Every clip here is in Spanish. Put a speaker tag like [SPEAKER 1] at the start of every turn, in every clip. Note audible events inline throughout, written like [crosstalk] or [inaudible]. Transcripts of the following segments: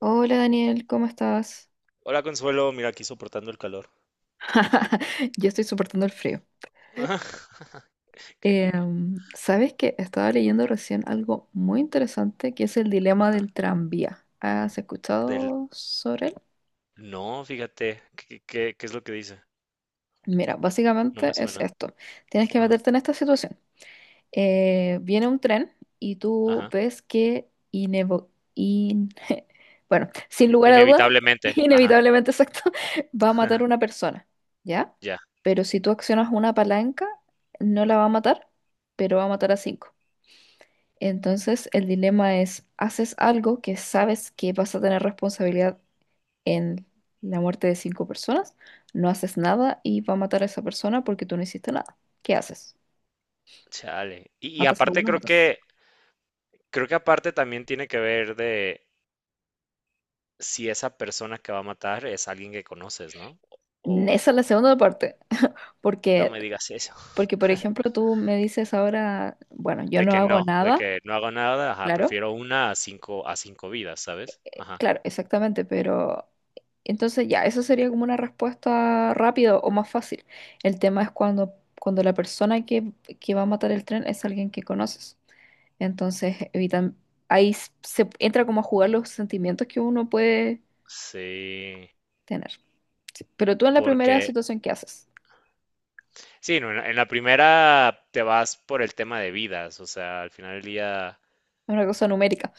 [SPEAKER 1] Hola Daniel, ¿cómo estás?
[SPEAKER 2] Hola Consuelo, mira aquí soportando el calor.
[SPEAKER 1] [laughs] Yo estoy soportando el frío.
[SPEAKER 2] Ajá, [laughs] qué envidia.
[SPEAKER 1] ¿Sabes que Estaba leyendo recién algo muy interesante que es el dilema
[SPEAKER 2] Ajá.
[SPEAKER 1] del tranvía? ¿Has
[SPEAKER 2] Del
[SPEAKER 1] escuchado sobre él?
[SPEAKER 2] no, fíjate, ¿qué es lo que dice?
[SPEAKER 1] Mira,
[SPEAKER 2] No
[SPEAKER 1] básicamente
[SPEAKER 2] me
[SPEAKER 1] es
[SPEAKER 2] suena.
[SPEAKER 1] esto. Tienes que
[SPEAKER 2] Ajá,
[SPEAKER 1] meterte en esta situación. Viene un tren y tú
[SPEAKER 2] ajá.
[SPEAKER 1] ves que in- [laughs] bueno, sin
[SPEAKER 2] In-
[SPEAKER 1] lugar a dudas, [laughs]
[SPEAKER 2] inevitablemente, ajá.
[SPEAKER 1] inevitablemente, exacto, va a matar
[SPEAKER 2] [laughs]
[SPEAKER 1] una persona, ¿ya?
[SPEAKER 2] Ya,
[SPEAKER 1] Pero si tú accionas una palanca, no la va a matar, pero va a matar a cinco. Entonces el dilema es, ¿haces algo que sabes que vas a tener responsabilidad en la muerte de cinco personas? No haces nada y va a matar a esa persona porque tú no hiciste nada. ¿Qué haces?
[SPEAKER 2] chale. Y
[SPEAKER 1] ¿Matas a
[SPEAKER 2] aparte
[SPEAKER 1] uno, matas?
[SPEAKER 2] creo que aparte también tiene que ver de si esa persona que va a matar es alguien que conoces, ¿no? O
[SPEAKER 1] Esa es la segunda parte,
[SPEAKER 2] no
[SPEAKER 1] porque,
[SPEAKER 2] me digas eso. [laughs]
[SPEAKER 1] porque por ejemplo tú me dices ahora, bueno, yo no hago
[SPEAKER 2] De
[SPEAKER 1] nada,
[SPEAKER 2] que no hago nada, ajá,
[SPEAKER 1] claro,
[SPEAKER 2] prefiero una a cinco vidas, ¿sabes? Ajá.
[SPEAKER 1] claro, exactamente, pero entonces ya, eso sería como una respuesta rápida o más fácil. El tema es cuando, cuando la persona que va a matar el tren es alguien que conoces. Entonces evitan, ahí se entra como a jugar los sentimientos que uno puede
[SPEAKER 2] Sí,
[SPEAKER 1] tener. Pero tú en la primera
[SPEAKER 2] porque
[SPEAKER 1] situación, ¿qué haces?
[SPEAKER 2] sí, no, en la primera te vas por el tema de vidas, o sea, al final del día,
[SPEAKER 1] Es una cosa numérica,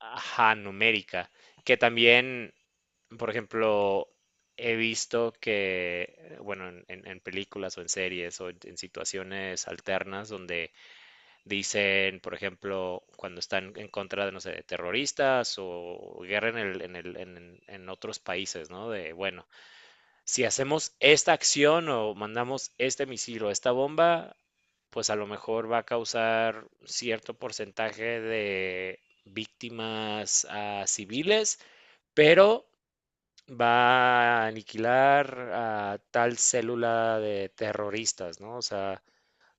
[SPEAKER 2] ajá, numérica, que también, por ejemplo, he visto que, bueno, en películas o en series o en situaciones alternas donde dicen, por ejemplo, cuando están en contra de, no sé, de terroristas o guerra en otros países, ¿no? De, bueno si hacemos esta acción o mandamos este misil o esta bomba, pues a lo mejor va a causar cierto porcentaje de víctimas a civiles, pero va a aniquilar a tal célula de terroristas, ¿no? O sea,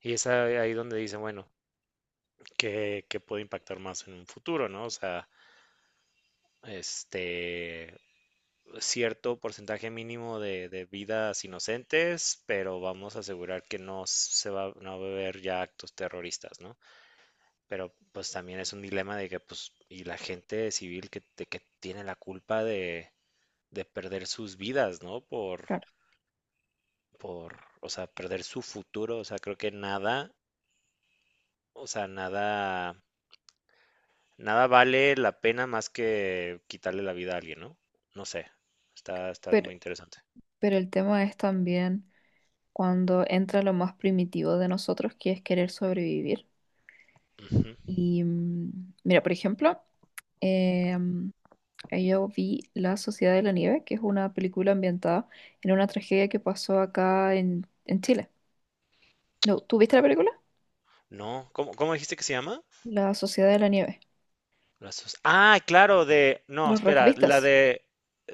[SPEAKER 2] y es ahí donde dice, bueno, que puede impactar más en un futuro, ¿no? O sea, este, cierto porcentaje mínimo de vidas inocentes, pero vamos a asegurar que no se va, no va a haber ya actos terroristas, ¿no? Pero pues también es un dilema de que, pues, y la gente civil que, de que tiene la culpa de perder sus vidas, ¿no?
[SPEAKER 1] claro,
[SPEAKER 2] Por, o sea, perder su futuro, o sea, creo que nada, o sea, nada, nada vale la pena más que quitarle la vida a alguien, ¿no? No sé, está, está
[SPEAKER 1] pero,
[SPEAKER 2] muy interesante.
[SPEAKER 1] pero el tema es también... cuando entra lo más primitivo de nosotros, que es querer sobrevivir.
[SPEAKER 2] Ujú,
[SPEAKER 1] Y mira, por ejemplo, eh, yo vi La Sociedad de la Nieve, que es una película ambientada en una tragedia que pasó acá en Chile. No, ¿tú
[SPEAKER 2] ok.
[SPEAKER 1] viste la película?
[SPEAKER 2] No, ¿cómo dijiste que se llama?
[SPEAKER 1] La Sociedad de la Nieve.
[SPEAKER 2] Las sus- Ah, claro, de... No,
[SPEAKER 1] Los
[SPEAKER 2] espera, la
[SPEAKER 1] rugbistas.
[SPEAKER 2] de...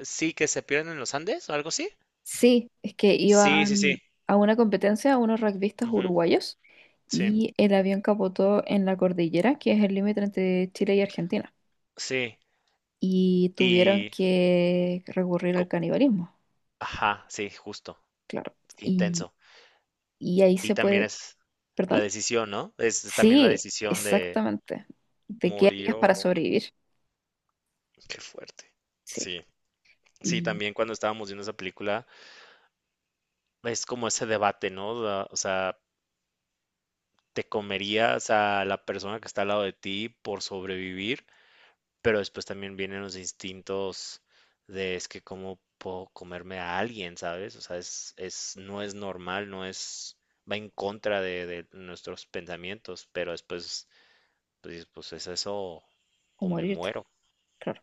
[SPEAKER 2] Sí, que se pierden en los Andes o algo así.
[SPEAKER 1] Sí, es que
[SPEAKER 2] Sí, sí, sí.
[SPEAKER 1] iban a una competencia, unos rugbistas
[SPEAKER 2] Ujú,
[SPEAKER 1] uruguayos,
[SPEAKER 2] sí,
[SPEAKER 1] y el avión capotó en la cordillera, que es el límite entre Chile y Argentina,
[SPEAKER 2] sí.
[SPEAKER 1] y tuvieron
[SPEAKER 2] Y...
[SPEAKER 1] que recurrir
[SPEAKER 2] co-
[SPEAKER 1] al canibalismo,
[SPEAKER 2] Ajá, sí, justo.
[SPEAKER 1] claro. Y,
[SPEAKER 2] Intenso.
[SPEAKER 1] y ahí
[SPEAKER 2] Y
[SPEAKER 1] se
[SPEAKER 2] también
[SPEAKER 1] puede,
[SPEAKER 2] es la
[SPEAKER 1] perdón.
[SPEAKER 2] decisión, ¿no? Es también la
[SPEAKER 1] Sí,
[SPEAKER 2] decisión de
[SPEAKER 1] exactamente. ¿De qué
[SPEAKER 2] morir
[SPEAKER 1] harías para
[SPEAKER 2] o...
[SPEAKER 1] sobrevivir?
[SPEAKER 2] Qué fuerte.
[SPEAKER 1] Sí.
[SPEAKER 2] Sí, sí,
[SPEAKER 1] Y
[SPEAKER 2] también cuando estábamos viendo esa película, es como ese debate, ¿no? Da- O sea, ¿te comerías a la persona que está al lado de ti por sobrevivir? Pero después también vienen los instintos de es que cómo puedo comerme a alguien, ¿sabes? O sea, es, no es normal, no es, va en contra de nuestros pensamientos, pero después, pues, dices, pues es eso
[SPEAKER 1] o
[SPEAKER 2] o, me
[SPEAKER 1] morirte,
[SPEAKER 2] muero.
[SPEAKER 1] claro.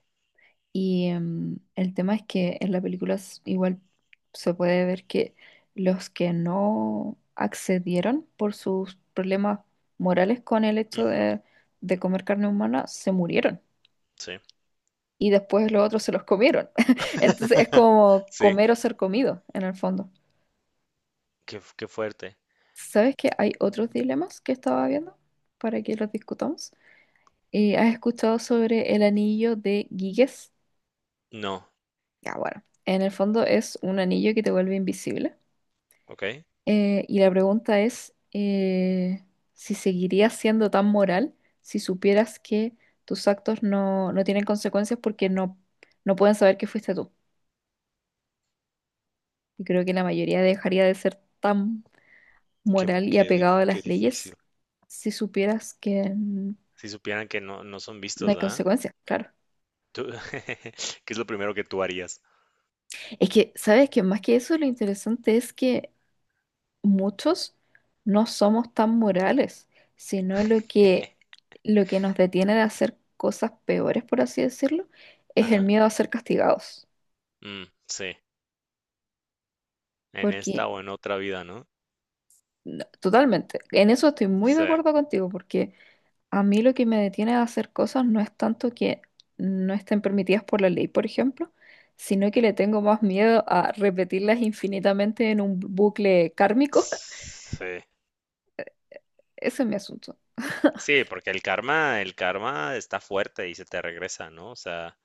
[SPEAKER 1] Y el tema es que en la película igual se puede ver que los que no accedieron por sus problemas morales con el hecho
[SPEAKER 2] Ujú,
[SPEAKER 1] de comer carne humana se murieron,
[SPEAKER 2] sí,
[SPEAKER 1] y después los otros se los comieron. [laughs] Entonces es
[SPEAKER 2] [laughs]
[SPEAKER 1] como
[SPEAKER 2] sí,
[SPEAKER 1] comer o ser comido en el fondo.
[SPEAKER 2] qué, qué fuerte.
[SPEAKER 1] ¿Sabes que hay otros dilemas que estaba viendo para que los discutamos? ¿Has escuchado sobre el anillo de Giges?
[SPEAKER 2] No,
[SPEAKER 1] Ya, bueno, en el fondo es un anillo que te vuelve invisible.
[SPEAKER 2] ok.
[SPEAKER 1] Y la pregunta es, si seguirías siendo tan moral si supieras que tus actos no tienen consecuencias porque no pueden saber que fuiste tú. Y creo que la mayoría dejaría de ser tan
[SPEAKER 2] Qué,
[SPEAKER 1] moral y
[SPEAKER 2] qué
[SPEAKER 1] apegado
[SPEAKER 2] dif-
[SPEAKER 1] a
[SPEAKER 2] qué
[SPEAKER 1] las
[SPEAKER 2] difícil.
[SPEAKER 1] leyes si supieras que
[SPEAKER 2] Si supieran que no, no son
[SPEAKER 1] no
[SPEAKER 2] vistos,
[SPEAKER 1] hay
[SPEAKER 2] ¿ah?
[SPEAKER 1] consecuencias, claro.
[SPEAKER 2] Tú- [laughs] ¿Qué es lo primero que tú harías?
[SPEAKER 1] Es que, ¿sabes que Más que eso, lo interesante es que muchos no somos tan morales, sino
[SPEAKER 2] [laughs]
[SPEAKER 1] lo que nos detiene de hacer cosas peores, por así decirlo, es el
[SPEAKER 2] Ajá,
[SPEAKER 1] miedo a ser castigados.
[SPEAKER 2] sí, en
[SPEAKER 1] Porque,
[SPEAKER 2] esta o en otra vida, ¿no?
[SPEAKER 1] no, totalmente, en eso estoy muy de
[SPEAKER 2] Sí,
[SPEAKER 1] acuerdo contigo, porque a mí lo que me detiene de hacer cosas no es tanto que no estén permitidas por la ley, por ejemplo, sino que le tengo más miedo a repetirlas infinitamente en un bucle kármico. [laughs]
[SPEAKER 2] sí,
[SPEAKER 1] Ese es mi asunto. [laughs]
[SPEAKER 2] sí, porque el karma está fuerte y se te regresa, ¿no? O sea,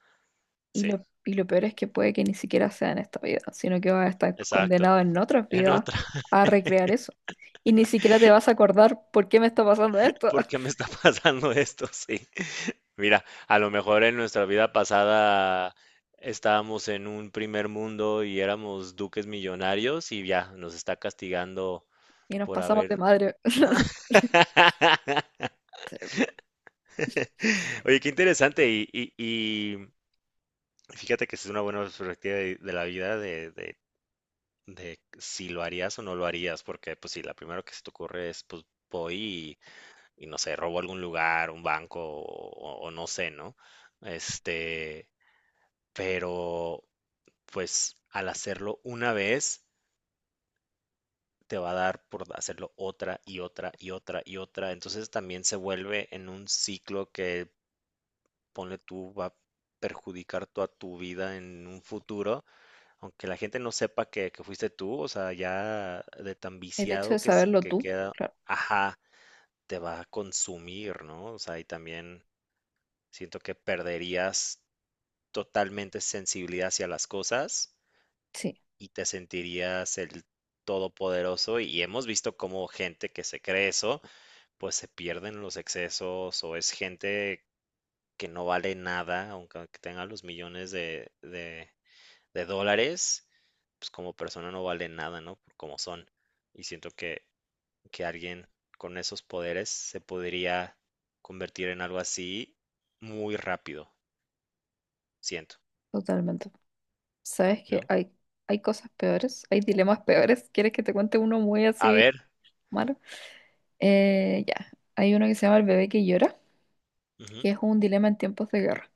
[SPEAKER 2] sí,
[SPEAKER 1] Y lo peor es que puede que ni siquiera sea en esta vida, sino que vas a estar
[SPEAKER 2] exacto.
[SPEAKER 1] condenado en otras
[SPEAKER 2] En
[SPEAKER 1] vidas
[SPEAKER 2] otra, [laughs]
[SPEAKER 1] a recrear eso. Y ni siquiera te vas a acordar por qué me está pasando esto.
[SPEAKER 2] ¿por qué me
[SPEAKER 1] [laughs]
[SPEAKER 2] está [laughs] pasando esto? Sí. Mira, a lo mejor en nuestra vida pasada estábamos en un primer mundo y éramos duques millonarios y ya nos está castigando
[SPEAKER 1] Y nos
[SPEAKER 2] por
[SPEAKER 1] pasamos de
[SPEAKER 2] haber.
[SPEAKER 1] madre. [laughs]
[SPEAKER 2] [laughs] Oye, qué interesante y fíjate que es una buena perspectiva de la vida de si lo harías o no lo harías, porque pues si la primera que se te ocurre es pues voy y no sé, robo algún lugar, un banco o no sé, ¿no? Este, pero pues al hacerlo una vez te va a dar por hacerlo otra y otra y otra y otra, entonces también se vuelve en un ciclo que ponle tú va a perjudicar toda tu vida en un futuro aunque la gente no sepa que fuiste tú, o sea, ya de tan
[SPEAKER 1] El hecho de
[SPEAKER 2] viciado que, s-
[SPEAKER 1] saberlo
[SPEAKER 2] que
[SPEAKER 1] tú,
[SPEAKER 2] queda,
[SPEAKER 1] claro,
[SPEAKER 2] ajá, te va a consumir, ¿no? O sea, y también siento que perderías totalmente sensibilidad hacia las cosas
[SPEAKER 1] sí,
[SPEAKER 2] y te sentirías el todopoderoso. Y hemos visto cómo gente que se cree eso, pues se pierden los excesos o es gente que no vale nada, aunque tenga los millones de dólares, pues como persona no valen nada, ¿no? Por como son. Y siento que alguien con esos poderes se podría convertir en algo así muy rápido, siento,
[SPEAKER 1] totalmente. ¿Sabes que
[SPEAKER 2] ¿no?
[SPEAKER 1] hay cosas peores? Hay dilemas peores. ¿Quieres que te cuente uno muy
[SPEAKER 2] A
[SPEAKER 1] así
[SPEAKER 2] ver.
[SPEAKER 1] malo? Ya, hay uno que se llama El bebé que llora, que
[SPEAKER 2] Ujú.
[SPEAKER 1] es un dilema en tiempos de guerra.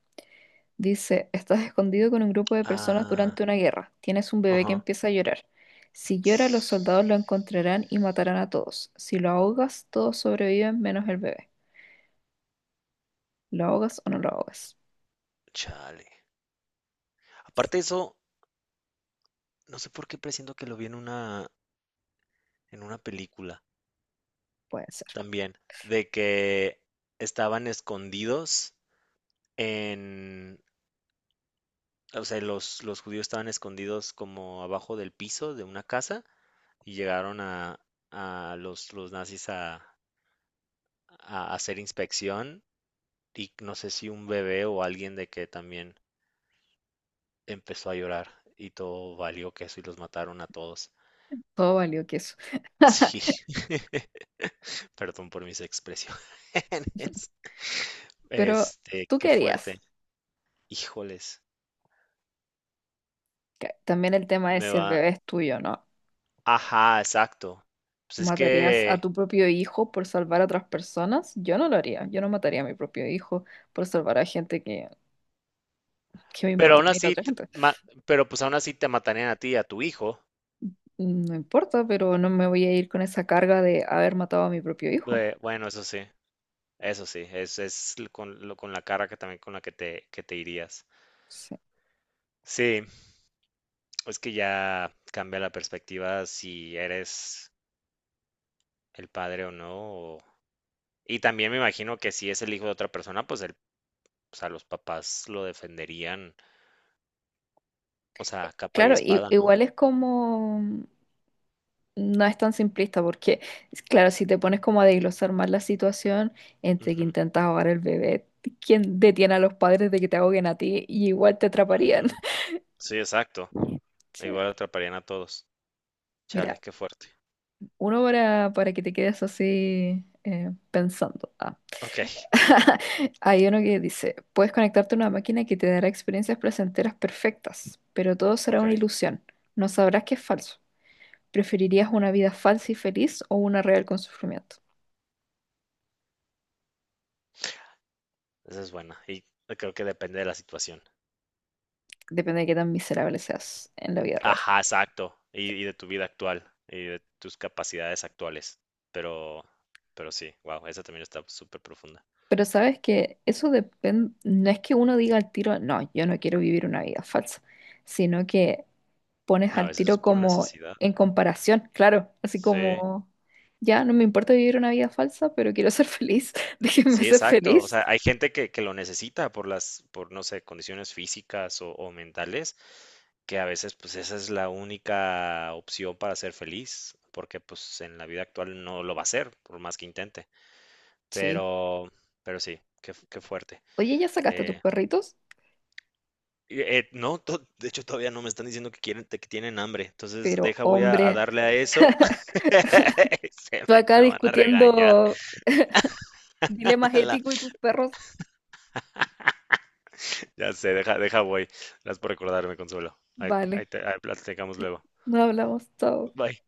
[SPEAKER 1] Dice, estás escondido con un grupo de personas
[SPEAKER 2] Ah,
[SPEAKER 1] durante una guerra. Tienes un bebé que
[SPEAKER 2] ajá.
[SPEAKER 1] empieza a llorar. Si llora, los soldados lo encontrarán y matarán a todos. Si lo ahogas, todos sobreviven menos el bebé. ¿Lo ahogas o no lo ahogas?
[SPEAKER 2] Chale. Aparte de eso, no sé por qué presiento que lo vi en una película
[SPEAKER 1] Puede ser.
[SPEAKER 2] también, de que estaban escondidos en, o sea, los judíos estaban escondidos como abajo del piso de una casa y llegaron a los nazis a hacer inspección y no sé si un bebé o alguien de que también empezó a llorar y todo valió queso y los mataron a todos.
[SPEAKER 1] Todo valió que eso.
[SPEAKER 2] Sí, [laughs] perdón por mis expresiones. [laughs]
[SPEAKER 1] Pero,
[SPEAKER 2] Este,
[SPEAKER 1] ¿tú
[SPEAKER 2] qué
[SPEAKER 1] qué harías?
[SPEAKER 2] fuerte. Híjoles,
[SPEAKER 1] Que También el tema es
[SPEAKER 2] me
[SPEAKER 1] si el
[SPEAKER 2] va.
[SPEAKER 1] bebé es tuyo o no.
[SPEAKER 2] Ajá, exacto. Pues es
[SPEAKER 1] ¿Matarías a
[SPEAKER 2] que
[SPEAKER 1] tu propio hijo por salvar a otras personas? Yo no lo haría. Yo no mataría a mi propio hijo por salvar a gente que me
[SPEAKER 2] pero
[SPEAKER 1] importa
[SPEAKER 2] aún
[SPEAKER 1] a mí la
[SPEAKER 2] así,
[SPEAKER 1] otra
[SPEAKER 2] te
[SPEAKER 1] gente.
[SPEAKER 2] ma pero, pues, aún así te matarían a ti y a tu hijo.
[SPEAKER 1] No importa, pero no me voy a ir con esa carga de haber matado a mi propio hijo.
[SPEAKER 2] Bueno, eso sí, es l con lo con la cara que también con la que te irías.
[SPEAKER 1] Sí.
[SPEAKER 2] Sí, es que ya cambia la perspectiva si eres el padre o no, o y también me imagino que si es el hijo de otra persona, pues el o sea, los papás lo defenderían, o sea, capa y
[SPEAKER 1] Claro,
[SPEAKER 2] espada, ¿no?
[SPEAKER 1] igual es como... No es tan simplista porque, es claro, si te pones como a desglosar más la situación entre que
[SPEAKER 2] Ujú,
[SPEAKER 1] intentas ahogar el bebé, ¿quién detiene a los padres de que te ahoguen a ti? Y igual te atraparían.
[SPEAKER 2] ujú. Sí, exacto.
[SPEAKER 1] [laughs] Sí.
[SPEAKER 2] Igual atraparían a todos. Chale,
[SPEAKER 1] Mira,
[SPEAKER 2] qué fuerte.
[SPEAKER 1] uno para que te quedes así, pensando. Ah.
[SPEAKER 2] Okey,
[SPEAKER 1] [laughs] Hay uno que dice, puedes conectarte a una máquina que te dará experiencias placenteras perfectas, pero todo será una
[SPEAKER 2] okey.
[SPEAKER 1] ilusión. No sabrás que es falso. ¿Preferirías una vida falsa y feliz o una real con sufrimiento?
[SPEAKER 2] Esa es buena. Y creo que depende de la situación.
[SPEAKER 1] Depende de qué tan miserable seas en la vida real.
[SPEAKER 2] Ajá, exacto. Y de tu vida actual y de tus capacidades actuales. Pero, pero sí, wow, esa también está súper profunda.
[SPEAKER 1] Pero sabes que eso depende, no es que uno diga al tiro, no, yo no quiero vivir una vida falsa, sino que pones
[SPEAKER 2] A
[SPEAKER 1] al
[SPEAKER 2] veces es
[SPEAKER 1] tiro
[SPEAKER 2] por
[SPEAKER 1] como
[SPEAKER 2] necesidad.
[SPEAKER 1] en comparación, claro, así
[SPEAKER 2] Sí,
[SPEAKER 1] como, ya no me importa vivir una vida falsa, pero quiero ser feliz, [laughs] déjenme
[SPEAKER 2] sí,
[SPEAKER 1] ser
[SPEAKER 2] exacto. O
[SPEAKER 1] feliz.
[SPEAKER 2] sea, hay gente que lo necesita por las, por no sé, condiciones físicas o mentales, que a veces pues esa es la única opción para ser feliz, porque pues en la vida actual no lo va a ser, por más que intente.
[SPEAKER 1] Sí.
[SPEAKER 2] Pero, pero sí, qué, fu- qué fuerte.
[SPEAKER 1] Oye, ya sacaste a tus
[SPEAKER 2] Eh,
[SPEAKER 1] perritos,
[SPEAKER 2] Eh, no, to- de hecho todavía no me están diciendo que quieren, que tienen hambre. Entonces,
[SPEAKER 1] pero
[SPEAKER 2] deja, voy a
[SPEAKER 1] hombre,
[SPEAKER 2] darle a eso.
[SPEAKER 1] [laughs]
[SPEAKER 2] [laughs] Se
[SPEAKER 1] tú
[SPEAKER 2] me,
[SPEAKER 1] acá
[SPEAKER 2] me van a regañar.
[SPEAKER 1] discutiendo dilemas
[SPEAKER 2] [laughs] La-
[SPEAKER 1] éticos y tus perros,
[SPEAKER 2] ya sé, deja, deja, voy. Gracias por recordarme, Consuelo. Ahí,
[SPEAKER 1] vale,
[SPEAKER 2] ahí te- ahí platicamos luego.
[SPEAKER 1] no hablamos, chao.
[SPEAKER 2] Bye.